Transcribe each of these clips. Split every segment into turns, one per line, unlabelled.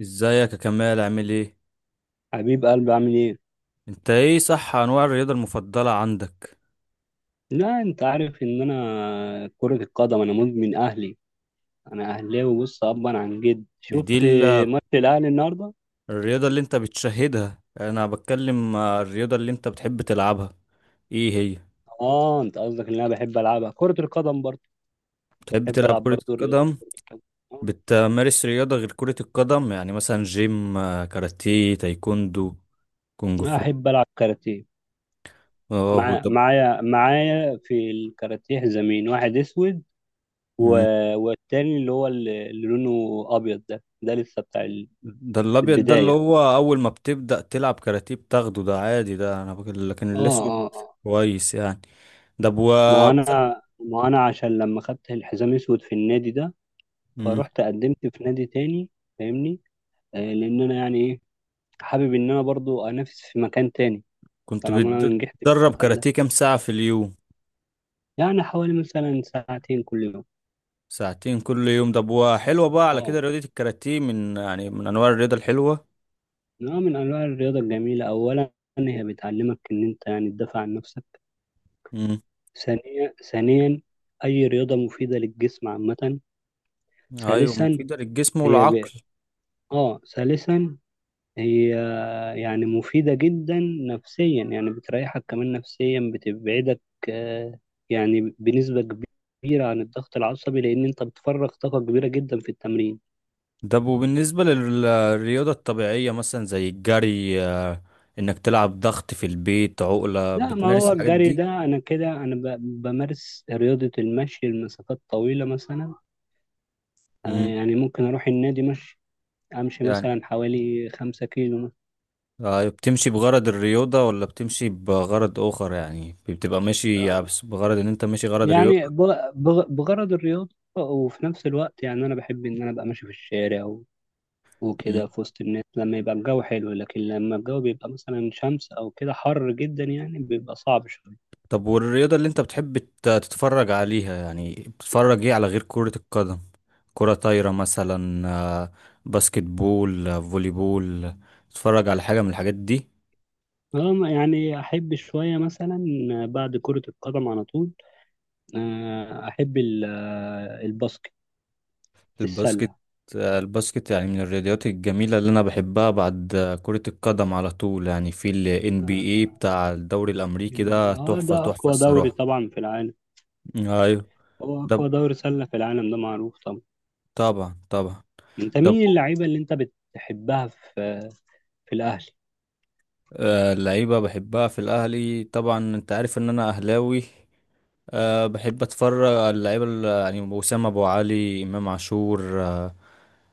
ازيك يا كمال، عامل ايه؟
حبيب قلبي عامل ايه؟
انت ايه صح، انواع الرياضة المفضلة عندك؟
لا انت عارف ان انا كرة القدم انا مدمن اهلي. انا اهلاوي بص ابا عن جد
دي
شفت
دي ال-
ماتش الاهلي النهارده؟
الرياضة اللي انت بتشاهدها، انا بتكلم الرياضة اللي انت بتحب تلعبها، ايه هي؟
اه، انت قصدك ان انا بحب العبها كرة القدم برضه.
بتحب
بحب
تلعب
العب
كرة
برضه رياضة
القدم؟
كرة القدم. آه،
بتمارس رياضة غير كرة القدم؟ يعني مثلا جيم، كاراتيه، تايكوندو، كونج
انا
فو؟
احب العب كاراتيه.
اه، هو ده.
معايا في الكاراتيه حزامين، واحد اسود و...
مم.
والتاني اللي هو اللي لونه ابيض. ده لسه بتاع
ده الابيض، ده اللي
البداية.
هو اول ما بتبدأ تلعب كاراتيه بتاخده، ده عادي، لكن
اه،
الاسود
اه، آه.
كويس يعني. ده بو
ما هو انا ما هو انا عشان لما خدت الحزام اسود في النادي ده، فروحت قدمت في نادي تاني، فاهمني؟ لان انا يعني ايه، حابب ان انا برضو انافس في مكان تاني،
كنت
طالما انا نجحت في
بتدرب
المكان ده.
كاراتيه كام ساعة في اليوم؟
يعني حوالي مثلا ساعتين كل يوم.
ساعتين كل يوم، ده بوا حلوة بقى. على
اه،
كده رياضة الكاراتيه من أنواع الرياضة الحلوة.
نوع من انواع الرياضه الجميله. اولا هي بتعلمك ان انت يعني تدافع عن نفسك.
مم.
ثانيا، اي رياضه مفيده للجسم عامه.
أيوة،
ثالثا
مفيدة للجسم
هي ب...
والعقل.
اه ثالثا هي يعني مفيدة جدا نفسيا، يعني بتريحك كمان نفسيا، بتبعدك آه، يعني بنسبة كبيرة عن الضغط العصبي، لأن أنت بتفرغ طاقة كبيرة جدا في التمرين.
ده بالنسبة للرياضة الطبيعية مثلا زي الجري، إنك تلعب ضغط في البيت، عقلة،
لا، ما
بتمارس
هو
الحاجات
الجري
دي.
ده أنا كده أنا بمارس رياضة المشي لمسافات طويلة مثلا.
مم.
يعني ممكن أروح النادي مشي، أمشي
يعني
مثلا حوالي 5 كيلو مثلا.
بتمشي بغرض الرياضة ولا بتمشي بغرض آخر؟ يعني بتبقى ماشي يعني،
آه،
بس بغرض إن أنت ماشي غرض
يعني
رياضة.
بغرض الرياضة، وفي نفس الوقت يعني أنا بحب إن أنا أبقى ماشي في الشارع وكده في وسط الناس لما يبقى الجو حلو. لكن لما الجو بيبقى مثلا شمس أو كده حر جدا يعني بيبقى صعب شوية.
طب والرياضة اللي انت بتحب تتفرج عليها، يعني بتتفرج ايه على غير كرة القدم؟ كرة طايرة مثلا؟ آه، باسكت بول، فولي بول؟ تتفرج على حاجة من الحاجات دي؟
أنا يعني أحب شوية مثلا بعد كرة القدم على طول، أحب الباسكت،
الباسكت.
السلة.
الباسكت يعني من الرياضيات الجميلة اللي انا بحبها بعد كرة القدم على طول. يعني في ال
آه،
NBA بتاع الدوري الامريكي، ده
آه،
تحفة
ده
تحفة
أقوى دوري
الصراحة.
طبعا في العالم.
ايوه.
هو
ده ب-
أقوى دوري سلة في العالم، ده معروف طبعا.
طبعا طبعا.
أنت
ده ب-
مين اللعيبة اللي أنت بتحبها في الأهلي؟
اللعيبة بحبها في الاهلي، طبعا انت عارف ان انا اهلاوي. أه، بحب اتفرج على اللعيبه يعني اسامه، ابو علي، امام عاشور، أه.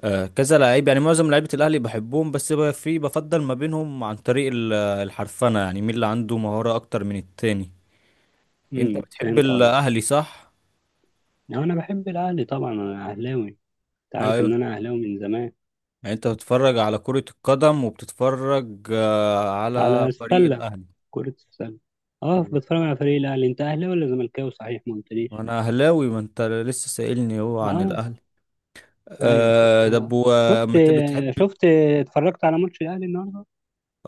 أه كذا لعيب، يعني معظم لعيبه الاهلي بحبهم، بس في بفضل ما بينهم عن طريق الحرفنه، يعني مين اللي عنده مهاره اكتر من التاني. انت بتحب
فهمت قصدي.
الاهلي صح؟
أنا بحب الأهلي طبعا، أنا أهلاوي. أنت عارف إن
ايوه.
أنا أهلاوي من زمان.
يعني انت بتتفرج على كره القدم وبتتفرج أه على
على
فريق
السلة،
الاهلي.
كرة السلة. اه، بتفرج على فريق الأهلي. انت أهلاوي ولا زملكاوي؟ صحيح ما قلتليش.
وانا اهلاوي، ما انت لسه سائلني هو عن
اه،
الاهلي.
ايوه،
أه، طب
آه. شفت
وما انت بتحب.
شفت اتفرجت على ماتش الأهلي النهارده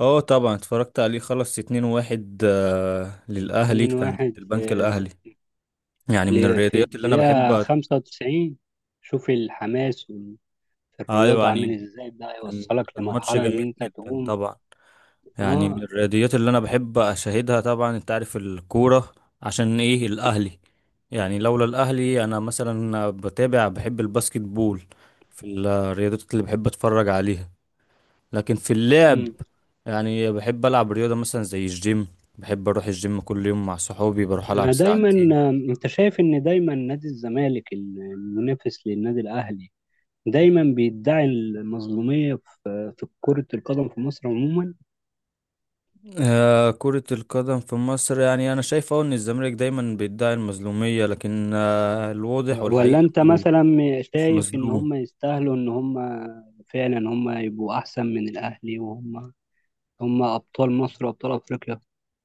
اه طبعا، اتفرجت عليه، خلص 2-1 للأهلي، كان ضد
2-1 في
البنك الأهلي. يعني من الرياضيات اللي أنا
الدقيقة
بحب
95. شوف الحماس في
أيوة
الرياضة عامل
يعني
ازاي ده
كان
يوصلك
كان ماتش
لمرحلة
جميل
ان انت
جدا
تقوم.
طبعا. يعني من
اه.
الرياضيات اللي أنا بحب أشاهدها، طبعا أنت عارف الكورة عشان إيه، الأهلي. يعني لولا الأهلي أنا مثلا بتابع، بحب الباسكت بول في الرياضيات اللي بحب أتفرج عليها. لكن في اللعب،
مم.
يعني بحب العب رياضه مثلا زي الجيم. بحب اروح الجيم كل يوم مع صحابي، بروح
ما
العب
دايما
ساعتين.
انت شايف ان دايما نادي الزمالك المنافس للنادي الاهلي دايما بيدعي المظلومية في كرة القدم في مصر عموما؟
آه، كرة القدم في مصر، يعني انا شايف أهو ان الزمالك دايما بيدعي المظلومية، لكن آه الواضح
ولا
والحقيقة
انت
انه
مثلا
مش
شايف ان
مظلوم.
هم يستاهلوا، ان هم فعلا هم يبقوا احسن من الاهلي، وهم هم ابطال مصر وابطال افريقيا؟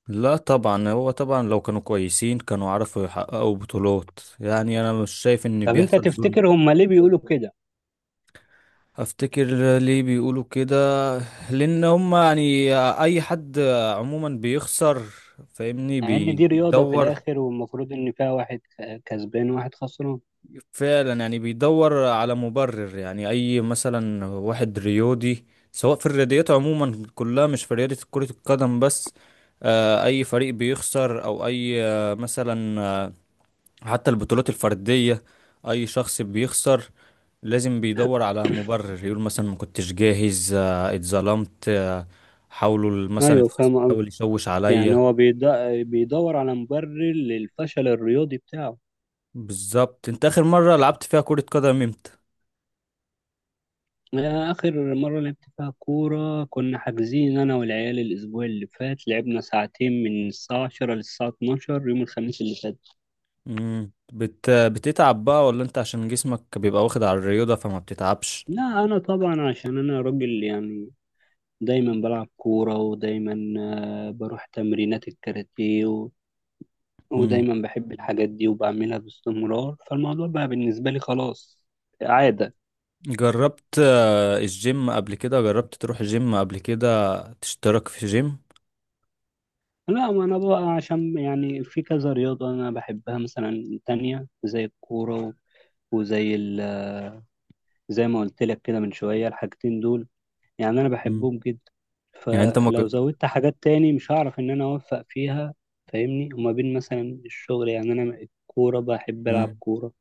لا طبعا، هو طبعا لو كانوا كويسين كانوا عرفوا يحققوا بطولات. يعني انا مش شايف ان
طب انت
بيحصل ظلم.
تفتكر هم ليه بيقولوا كده،
افتكر ليه بيقولوا كده؟ لان هم يعني اي حد عموما بيخسر، فاهمني،
مع ان دي رياضة في
بيدور
الاخر والمفروض ان فيها واحد كسبان وواحد خسران؟
فعلا، يعني بيدور على مبرر. يعني اي مثلا واحد رياضي، سواء في الرياضيات عموما كلها، مش في رياضة كرة القدم بس، اي فريق بيخسر او اي مثلا، حتى البطولات الفردية، اي شخص بيخسر لازم بيدور على مبرر، يقول مثلا ما كنتش جاهز، اتظلمت، حاولوا مثلا
ايوه،
الخصم
فاهم قصدي.
يحاول يشوش
يعني
عليا.
هو بيدور على مبرر للفشل الرياضي بتاعه.
بالظبط. انت اخر مرة لعبت فيها كرة قدم امتى؟
آخر مرة لعبت فيها كورة كنا حاجزين أنا والعيال الأسبوع اللي فات، لعبنا ساعتين من الساعة 10 للساعة 12 يوم الخميس اللي فات.
مم. بتتعب بقى ولا انت عشان جسمك بيبقى واخد على الرياضة فما بتتعبش؟
لا، أنا طبعا عشان أنا راجل يعني، دايما بلعب كورة، ودايما بروح تمرينات الكاراتيه
مم.
ودايما بحب الحاجات دي وبعملها باستمرار، فالموضوع بقى بالنسبة لي خلاص عادة.
جربت الجيم قبل كده؟ جربت تروح جيم قبل كده، تشترك في جيم؟
لا، ما أنا بقى عشان يعني في كذا رياضة أنا بحبها مثلا تانية زي الكورة، وزي ال زي ما قلت لك كده من شوية، الحاجتين دول يعني أنا
مم.
بحبهم جدا.
يعني انت ما
فلو زودت حاجات تاني مش هعرف إن أنا أوفق فيها، فاهمني؟ وما بين مثلا الشغل يعني، أنا الكورة بحب ألعب
مج...
كورة،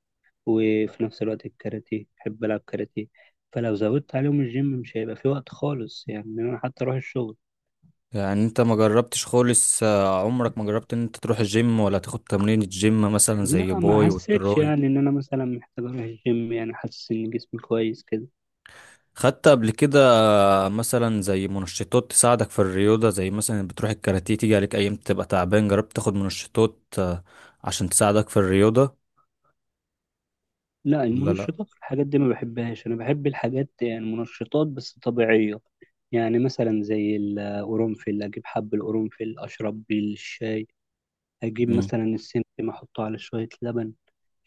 وفي نفس الوقت الكاراتيه بحب ألعب كاراتيه. فلو زودت عليهم الجيم مش هيبقى في وقت خالص يعني إن أنا حتى أروح الشغل.
يعني انت ما جربتش خالص، عمرك ما جربت ان انت تروح الجيم ولا تاخد تمرين الجيم مثلا زي
لا، ما
باي
حسيتش
والتراي؟
يعني إن أنا مثلا محتاج أروح الجيم، يعني حاسس إن جسمي كويس كده.
خدت قبل كده مثلا زي منشطات تساعدك في الرياضة؟ زي مثلا بتروح الكاراتيه تيجي عليك ايام تبقى تعبان، جربت تاخد منشطات عشان تساعدك في الرياضة؟
لا،
ولا لا.
المنشطات والحاجات دي ما بحبهاش. انا بحب الحاجات، يعني منشطات بس طبيعية. يعني مثلا زي القرنفل، اجيب حب القرنفل اشرب بيه الشاي، اجيب
مم.
مثلا السمسم احطه على شوية لبن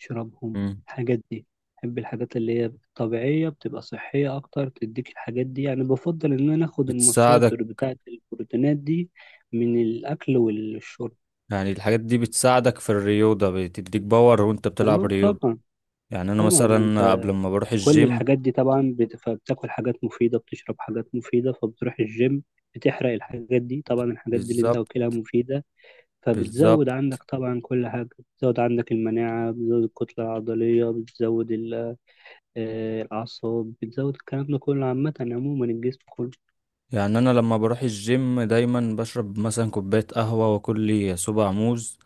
اشربهم.
مم.
الحاجات دي، بحب الحاجات اللي هي طبيعية، بتبقى صحية اكتر، تديك الحاجات دي يعني. بفضل ان انا اخد المصادر
بتساعدك.
بتاعة البروتينات دي من الاكل والشرب.
يعني الحاجات دي بتساعدك في الرياضة، بتديك باور وانت بتلعب
اه
رياضة.
طبعا.
يعني انا
طبعا
مثلا
انت
قبل ما بروح
كل
الجيم.
الحاجات دي طبعا فبتاكل حاجات مفيدة، بتشرب حاجات مفيدة، فبتروح الجيم بتحرق الحاجات دي. طبعا الحاجات دي اللي انت واكلها
بالظبط.
مفيدة، فبتزود
بالظبط.
عندك طبعا كل حاجة. بتزود عندك المناعة، بتزود الكتلة العضلية، بتزود الأعصاب، بتزود الكلام ده كله، عامة عموما الجسم كله.
يعني انا لما بروح الجيم دايما بشرب مثلا كوبايه قهوه واكل لي صباع موز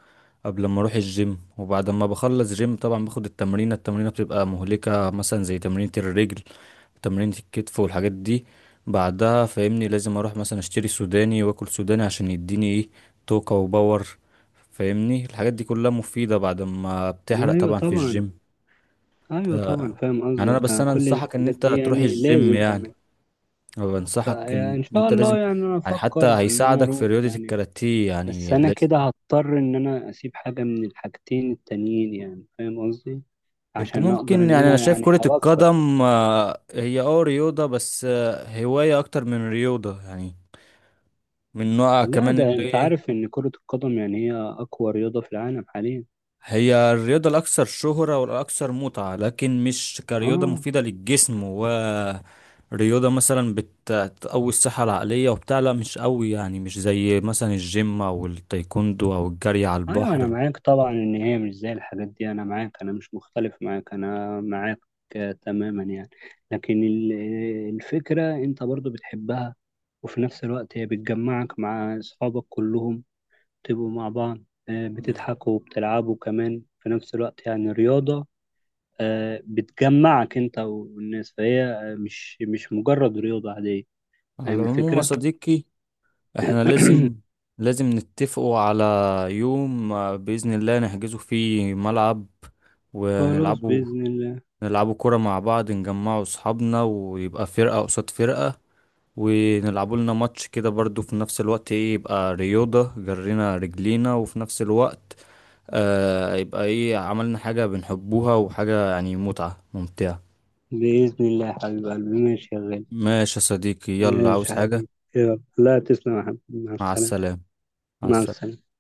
قبل ما اروح الجيم، وبعد ما بخلص جيم طبعا باخد التمرينه. التمرينه بتبقى مهلكه، مثلا زي تمرينه الرجل، تمرينه الكتف والحاجات دي. بعدها فاهمني لازم اروح مثلا اشتري سوداني واكل سوداني عشان يديني ايه، طاقه وباور. فاهمني الحاجات دي كلها مفيده بعد ما بتحرق
أيوة
طبعا في
طبعا.
الجيم. ف-
أيوة طبعا فاهم
يعني انا
قصدك.
بس انا
كل
انصحك ان
الحاجات
انت
دي
تروح
يعني
الجيم.
لازم
يعني
تعمل.
أنا بنصحك ان
فإن شاء
انت لازم،
الله يعني أنا
يعني حتى
أفكر إن أنا
هيساعدك في
أروح
رياضة
يعني.
الكاراتيه،
بس
يعني
انا
لازم.
كده هضطر ان انا اسيب حاجة من الحاجتين التانيين، يعني فاهم قصدي؟
انت
عشان اقدر
ممكن،
ان
يعني انا
انا
شايف
يعني
كرة
اوفق.
القدم هي اه رياضة، بس هواية اكتر من رياضة، يعني من نوع
لا،
كمان
ده
اللي هي
انت
ايه.
عارف ان كرة القدم يعني هي اقوى رياضة في العالم حاليا.
هي الرياضة الاكثر شهرة والاكثر متعة، لكن مش كرياضة
اه،
مفيدة للجسم، ورياضة مثلا بتقوي الصحة العقلية وبتاع، لا مش قوي. يعني مش زي مثلا الجيم او التايكوندو او الجري على
ايوه انا
البحر.
معاك طبعا، ان هي مش زي الحاجات دي، انا معاك، انا مش مختلف معاك، انا معاك تماما يعني. لكن الفكرة انت برضو بتحبها، وفي نفس الوقت هي بتجمعك مع اصحابك كلهم تبقوا مع بعض، بتضحكوا وبتلعبوا كمان في نفس الوقت، يعني رياضة بتجمعك انت والناس. فهي مش مجرد رياضة عادية.
على
فاهم
العموم يا
الفكرة؟
صديقي، احنا لازم نتفقوا على يوم، بإذن الله نحجزه فيه ملعب،
خلاص
ونلعبوا
بإذن الله.
نلعبوا كرة مع بعض، نجمعوا أصحابنا ويبقى فرقة قصاد فرقة، ونلعبوا لنا ماتش كده برضو. في نفس الوقت ايه، يبقى رياضة، جرينا رجلينا، وفي نفس الوقت آه يبقى ايه، عملنا حاجة بنحبوها وحاجة يعني متعة ممتعة.
بإذن الله يا حبيب قلبي، ماشي يا غالي.
ماشي يا صديقي، يلا
ماشي
عاوز
يا
حاجة؟
حبيبي، يلا لا تسلم يا حبيبي، مع
مع
السلامة.
السلامة. مع
مع
السلامة.
السلامة.